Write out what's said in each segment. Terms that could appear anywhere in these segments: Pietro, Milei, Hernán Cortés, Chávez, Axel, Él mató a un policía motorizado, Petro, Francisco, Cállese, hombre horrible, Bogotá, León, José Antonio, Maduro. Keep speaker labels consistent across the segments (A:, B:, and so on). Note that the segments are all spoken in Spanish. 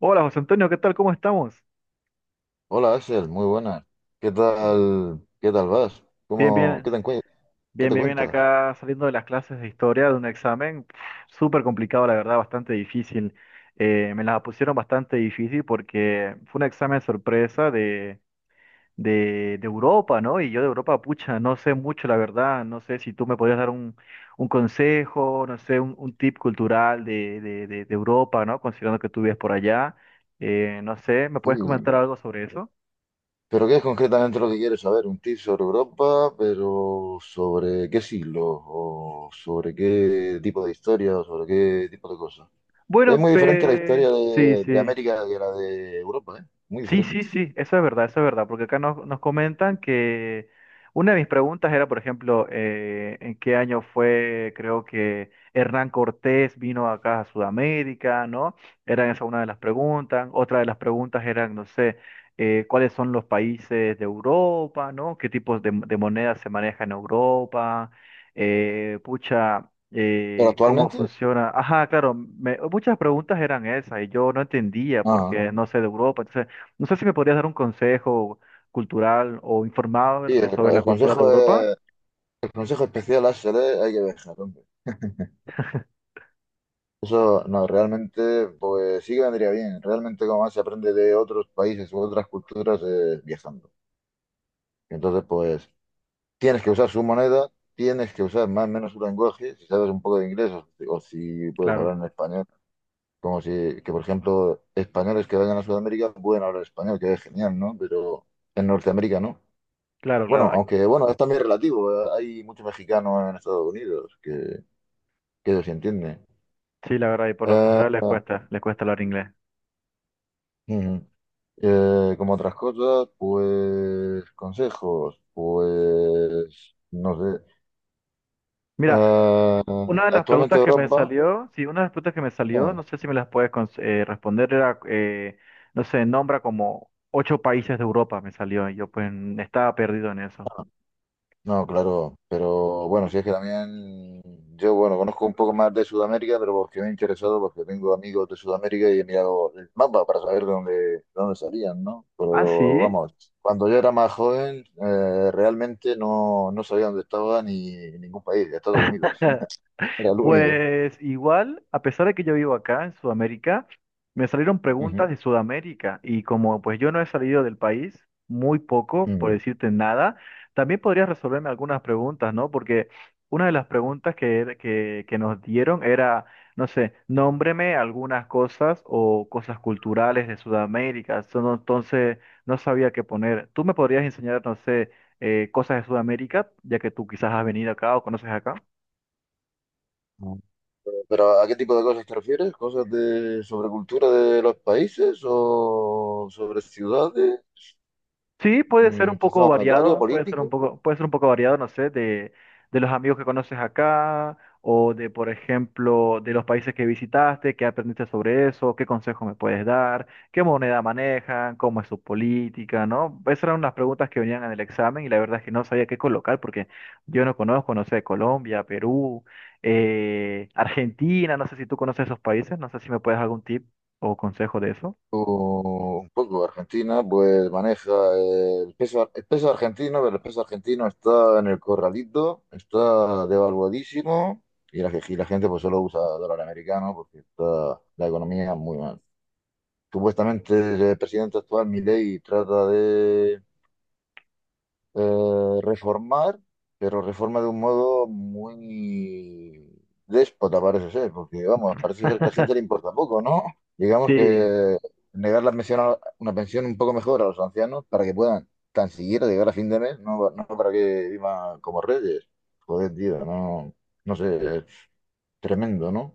A: Hola José Antonio, ¿qué tal? ¿Cómo estamos?
B: Hola Axel, muy buenas. Qué tal vas?
A: Bien,
B: ¿Cómo,
A: bien,
B: qué te, encue- ¿Qué
A: bien,
B: te
A: bien, bien
B: cuentas?
A: acá saliendo de las clases de historia de un examen pf, súper complicado, la verdad, bastante difícil. Me la pusieron bastante difícil porque fue un examen sorpresa de Europa, ¿no? Y yo de Europa, pucha, no sé mucho, la verdad, no sé si tú me podías dar un consejo, no sé, un tip cultural de Europa, ¿no? Considerando que tú vives por allá. No sé, ¿me puedes
B: Sí.
A: comentar algo sobre eso?
B: ¿Pero qué es concretamente lo que quieres saber? ¿Un tip sobre Europa, pero sobre qué siglo o sobre qué tipo de historia o sobre qué tipo de cosas? Es
A: Bueno,
B: muy diferente la historia
A: sí,
B: de
A: sí.
B: América que la de Europa, ¿eh? Muy
A: Sí, sí,
B: diferente.
A: sí, eso es verdad, porque acá nos comentan que una de mis preguntas era, por ejemplo, en qué año fue, creo que Hernán Cortés vino acá a Sudamérica, ¿no? Era esa una de las preguntas. Otra de las preguntas eran, no sé, cuáles son los países de Europa, ¿no? ¿Qué tipos de monedas se manejan en Europa? Pucha,
B: Pero
A: cómo
B: actualmente,
A: funciona. Ajá, claro, muchas preguntas eran esas y yo no entendía
B: ah,
A: porque no sé de Europa. Entonces, no sé si me podrías dar un consejo cultural o
B: sí,
A: informarme sobre la cultura de Europa.
B: el consejo especial Axel, ¿eh? Hay que dejarlo. Eso no, realmente, pues sí que vendría bien. Realmente, como más se aprende de otros países u otras culturas viajando. Entonces, pues tienes que usar su moneda, tienes que usar más o menos su lenguaje, si sabes un poco de inglés o si puedes hablar
A: Claro,
B: en español. Como si, que por ejemplo, españoles que vayan a Sudamérica pueden hablar español, que es genial, ¿no? Pero en Norteamérica no.
A: claro, claro.
B: Bueno,
A: Ay,
B: aunque bueno, es también relativo. Hay mucho mexicano en Estados Unidos que ellos sí entienden.
A: sí, la verdad, y por lo general les cuesta hablar inglés.
B: Ujú. Como otras cosas, pues consejos, pues no sé.
A: Mira,
B: Eh,
A: una de las
B: Actualmente
A: preguntas que me
B: Europa,
A: salió, sí, una de las preguntas que me salió, no
B: no,
A: sé si me las puedes responder, era, no sé, nombra como 8 países de Europa, me salió, y yo pues estaba perdido en eso.
B: no, claro, pero bueno, si es que también yo, bueno, conozco un poco más de Sudamérica, pero porque me he interesado, porque tengo amigos de Sudamérica y he mirado el mapa para saber de dónde salían, ¿no?
A: Ah,
B: Pero
A: sí.
B: vamos, cuando yo era más joven, realmente no sabía dónde estaba ni ningún país, Estados Unidos, era el único.
A: Pues igual, a pesar de que yo vivo acá en Sudamérica, me salieron preguntas de Sudamérica y como pues yo no he salido del país, muy poco, por
B: Mm.
A: decirte nada, también podrías resolverme algunas preguntas, ¿no? Porque una de las preguntas que nos dieron era, no sé, nómbreme algunas cosas o cosas culturales de Sudamérica. So, Entonces, no sabía qué poner. ¿Tú me podrías enseñar, no sé, cosas de Sudamérica, ya que tú quizás has venido acá o conoces acá?
B: ¿No? ¿Pero a qué tipo de cosas te refieres? ¿Cosas de sobre cultura de los países o sobre ciudades,
A: Sí, puede ser un poco
B: Sistema monetario,
A: variado,
B: político?
A: puede ser un poco variado, no sé, de los amigos que conoces acá, o de, por ejemplo, de los países que visitaste, qué aprendiste sobre eso, qué consejo me puedes dar, qué moneda manejan, cómo es su política, ¿no? Esas eran las preguntas que venían en el examen y la verdad es que no sabía qué colocar porque yo no conozco, no sé, Colombia, Perú, Argentina, no sé si tú conoces esos países, no sé si me puedes dar algún tip o consejo de eso.
B: O un poco Argentina, pues maneja el peso argentino, pero el peso argentino está en el corralito, está devaluadísimo y la gente pues solo usa dólar americano porque está la economía muy mal. Supuestamente, el presidente actual, Milei, trata de reformar, pero reforma de un modo muy déspota, parece ser, porque vamos, parece ser que a la gente le importa poco, ¿no? Digamos
A: Sí,
B: que negar la pensión una pensión un poco mejor a los ancianos, para que puedan tan siquiera llegar a fin de mes, no, no para que vivan como reyes. Joder, tío, no, no sé, es tremendo, ¿no?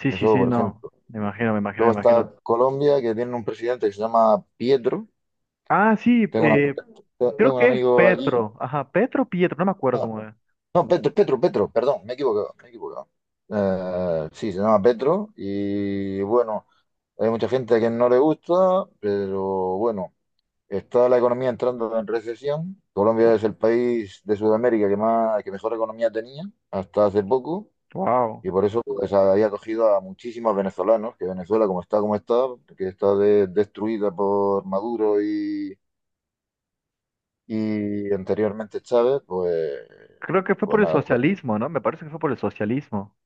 A: sí, sí,
B: Eso,
A: sí,
B: por
A: no.
B: ejemplo.
A: Me imagino, me imagino, me
B: Luego está
A: imagino.
B: Colombia, que tiene un presidente que se llama Pietro.
A: Ah, sí,
B: Tengo una-
A: creo
B: Tengo un
A: que es
B: amigo allí.
A: Petro. Ajá, Petro o Pietro, no me acuerdo cómo es.
B: No, Petro, Petro, Petro, perdón, me he equivocado, me he equivocado. Sí, se llama Petro y bueno, hay mucha gente que no le gusta, pero bueno, está la economía entrando en recesión. Colombia es el país de Sudamérica que mejor economía tenía hasta hace poco,
A: Wow.
B: y por eso pues había acogido a muchísimos venezolanos, que Venezuela como está, que está destruida por Maduro y anteriormente Chávez, pues,
A: Creo que fue por
B: pues
A: el
B: nada.
A: socialismo, ¿no? Me parece que fue por el socialismo.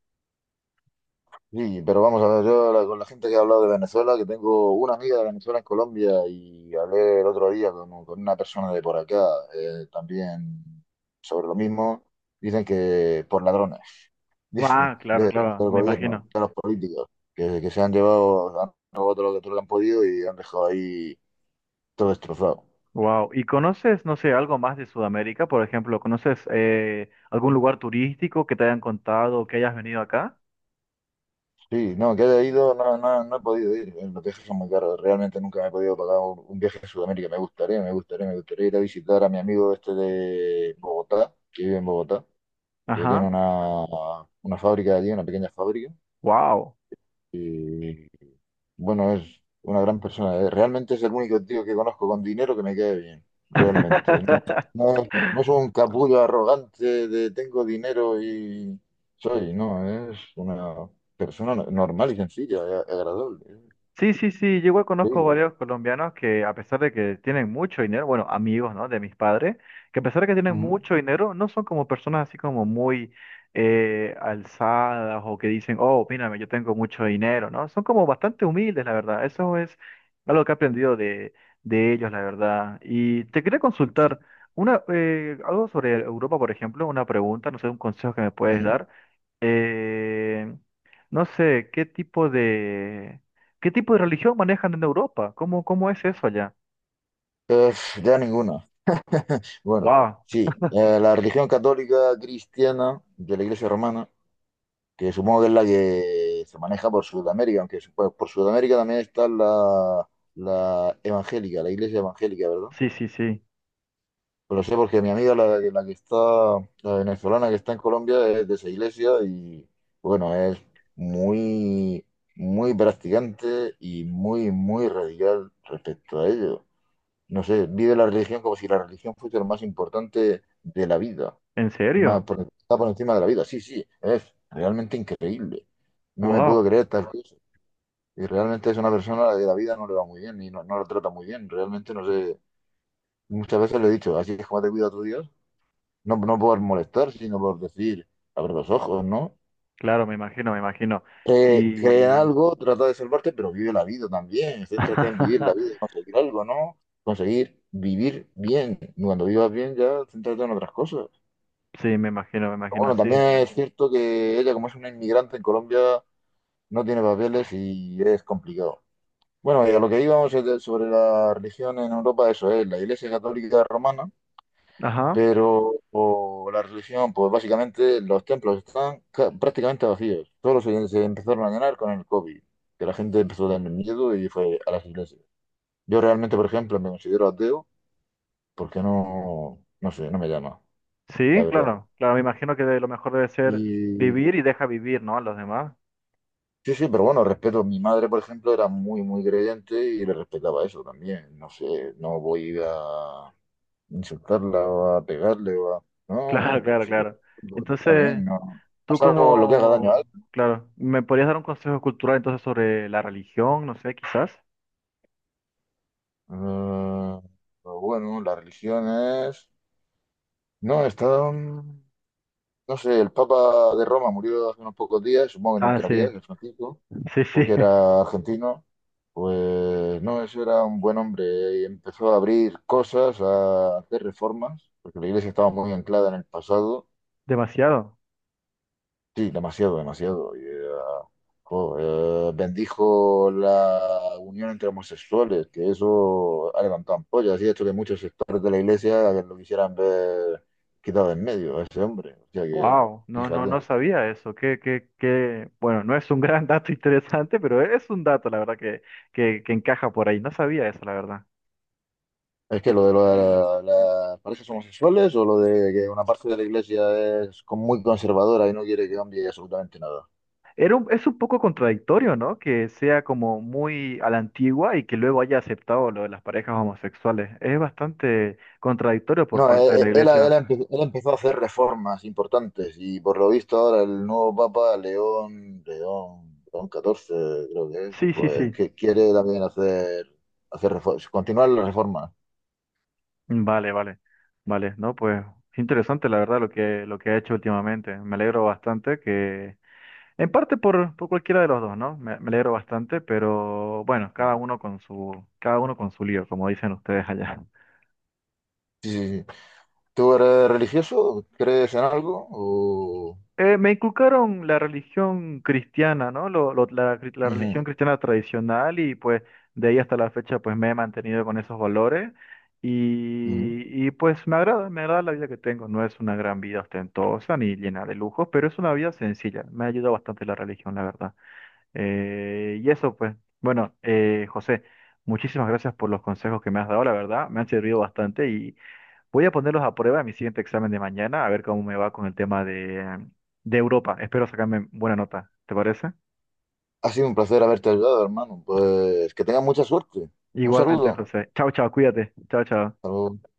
B: Sí, pero vamos a ver, con la gente que he hablado de Venezuela, que tengo una amiga de Venezuela en Colombia, y hablé el otro día con una persona de por acá también sobre lo mismo, dicen que por ladrones, dicen,
A: Ah, claro,
B: del
A: claro, me
B: gobierno,
A: imagino.
B: de los políticos, que se han llevado, han robado todo lo que han podido y han dejado ahí todo destrozado.
A: Wow. ¿Y conoces, no sé, algo más de Sudamérica? Por ejemplo, ¿conoces algún lugar turístico que te hayan contado que hayas venido acá?
B: Sí, no, que haya ido, no, no, no he podido ir. Los viajes son muy caros. Realmente nunca me he podido pagar un viaje a Sudamérica. Me gustaría, me gustaría, me gustaría ir a visitar a mi amigo este de Bogotá, que vive en Bogotá, que tiene
A: Ajá.
B: una fábrica allí, una pequeña fábrica.
A: Wow.
B: Y bueno, es una gran persona. Realmente es el único tío que conozco con dinero que me quede bien. Realmente. No, no, no soy un capullo arrogante de tengo dinero y soy, no, es una persona normal y sencilla, agradable.
A: Sí, sí, sí, yo igual
B: Es
A: conozco
B: increíble.
A: varios colombianos que a pesar de que tienen mucho dinero, bueno, amigos, ¿no? De mis padres, que a pesar de que tienen
B: Ujú.
A: mucho dinero, no son como personas así como muy alzadas o que dicen, oh, mírame, yo tengo mucho dinero, ¿no? Son como bastante humildes, la verdad. Eso es algo que he aprendido de ellos, la verdad. Y te quería
B: Sí.
A: consultar una, algo sobre Europa, por ejemplo, una pregunta, no sé, un consejo que me puedes
B: Y,
A: dar, eh, no sé, ¿qué tipo de religión manejan en Europa? ¿Cómo, cómo es eso allá?
B: eh, ya ninguna. Bueno,
A: Wow,
B: sí, la religión católica cristiana de la Iglesia Romana, que supongo que es la que se maneja por Sudamérica, aunque por Sudamérica también está la evangélica, la iglesia evangélica, ¿verdad?
A: sí, sí, sí.
B: Pero lo sé porque mi amiga, la que está, la venezolana que está en Colombia, es de esa iglesia y bueno, es muy, muy practicante y muy, muy radical respecto a ello. No sé, vive la religión como si la religión fuese lo más importante de la vida,
A: ¿En serio?
B: está por encima de la vida. Sí, sí, es realmente increíble. No me puedo
A: Wow,
B: creer tal cosa. Y realmente es una persona a la que la vida no le va muy bien y no lo trata muy bien. Realmente no sé. Muchas veces le he dicho, así es como te cuida tu Dios. No, no por molestar, sino por decir, abre los ojos, ¿no?
A: claro, me imagino, me imagino.
B: Cree en
A: Y
B: algo, trata de salvarte, pero vive la vida también. Céntrate en vivir la vida y conseguir algo, ¿no? Conseguir vivir bien. Cuando vivas bien, ya céntrate en otras cosas.
A: sí, me imagino,
B: Bueno,
A: sí.
B: también es cierto que ella, como es una inmigrante en Colombia, no tiene papeles y es complicado. Bueno, y a lo que íbamos es sobre la religión en Europa. Eso es la Iglesia Católica Romana,
A: Ajá.
B: pero o la religión, pues básicamente los templos están prácticamente vacíos. Todos se empezaron a llenar con el COVID, que la gente empezó a tener miedo y fue a las iglesias. Yo realmente, por ejemplo, me considero ateo porque no sé, no me llama, la
A: Sí,
B: verdad.
A: claro, claro, me imagino que de lo mejor debe ser
B: y
A: vivir y deja vivir, ¿no? A los demás.
B: Sí, sí, pero bueno, respeto. Mi madre, por ejemplo, era muy, muy creyente y le respetaba eso también. No sé, no voy a insultarla o a pegarle o a...
A: Claro,
B: No,
A: claro,
B: sí,
A: claro.
B: pues, está
A: Entonces,
B: bien, no.
A: tú
B: Salvo lo que haga daño a
A: como,
B: alguien.
A: claro, ¿me podrías dar un consejo cultural entonces sobre la religión? No sé, quizás.
B: Eh, pero bueno, las religiones... No, no sé, el Papa de Roma murió hace unos pocos días, supongo que no
A: Ah, sí,
B: entrarías, el Francisco,
A: sí, sí,
B: porque era argentino, pues no, eso era un buen hombre y empezó a abrir cosas, a hacer reformas, porque la iglesia estaba muy anclada en el pasado,
A: demasiado.
B: sí, demasiado, demasiado. Y, jo, bendijo la unión entre homosexuales, que eso ha levantado ampollas y ha hecho que muchos sectores de la iglesia lo quisieran ver quitado de en medio a ese hombre. O sea que,
A: Wow, no, no,
B: fíjate.
A: no sabía eso. Que, bueno, no es un gran dato interesante, pero es un dato, la verdad, que encaja por ahí. No sabía eso, la verdad.
B: Es que lo de las parejas homosexuales, o lo de que una parte de la iglesia es muy conservadora y no quiere que cambie absolutamente nada.
A: Es un poco contradictorio, ¿no? Que sea como muy a la antigua y que luego haya aceptado lo de las parejas homosexuales. Es bastante contradictorio por
B: No,
A: parte de la iglesia.
B: él empezó a hacer reformas importantes, y por lo visto ahora el nuevo Papa, León XIV creo que es,
A: Sí, sí,
B: pues
A: sí.
B: que quiere también hacer reformas, continuar las reformas.
A: Vale, vale. Vale, no, pues interesante la verdad lo que ha hecho últimamente. Me alegro bastante que en parte por cualquiera de los dos, ¿no? Me alegro bastante, pero bueno, cada uno con su lío, como dicen ustedes allá.
B: Sí, sí, sí. ¿Tú eres religioso? ¿Crees en algo? O...
A: Me inculcaron la religión cristiana, ¿no? La
B: Ujú,
A: religión cristiana tradicional y pues de ahí hasta la fecha pues me he mantenido con esos valores
B: ujú.
A: y pues me agrada la vida que tengo. No es una gran vida ostentosa ni llena de lujos, pero es una vida sencilla. Me ha ayudado bastante la religión, la verdad. Y eso, pues. Bueno, José, muchísimas gracias por los consejos que me has dado, la verdad, me han servido bastante y voy a ponerlos a prueba en mi siguiente examen de mañana, a ver cómo me va con el tema de Europa. Espero sacarme buena nota, ¿te parece?
B: Ha sido un placer haberte ayudado, hermano. Pues que tengas mucha suerte. Un
A: Igualmente,
B: saludo.
A: José. Chao, chao, cuídate. Chao, chao.
B: Hasta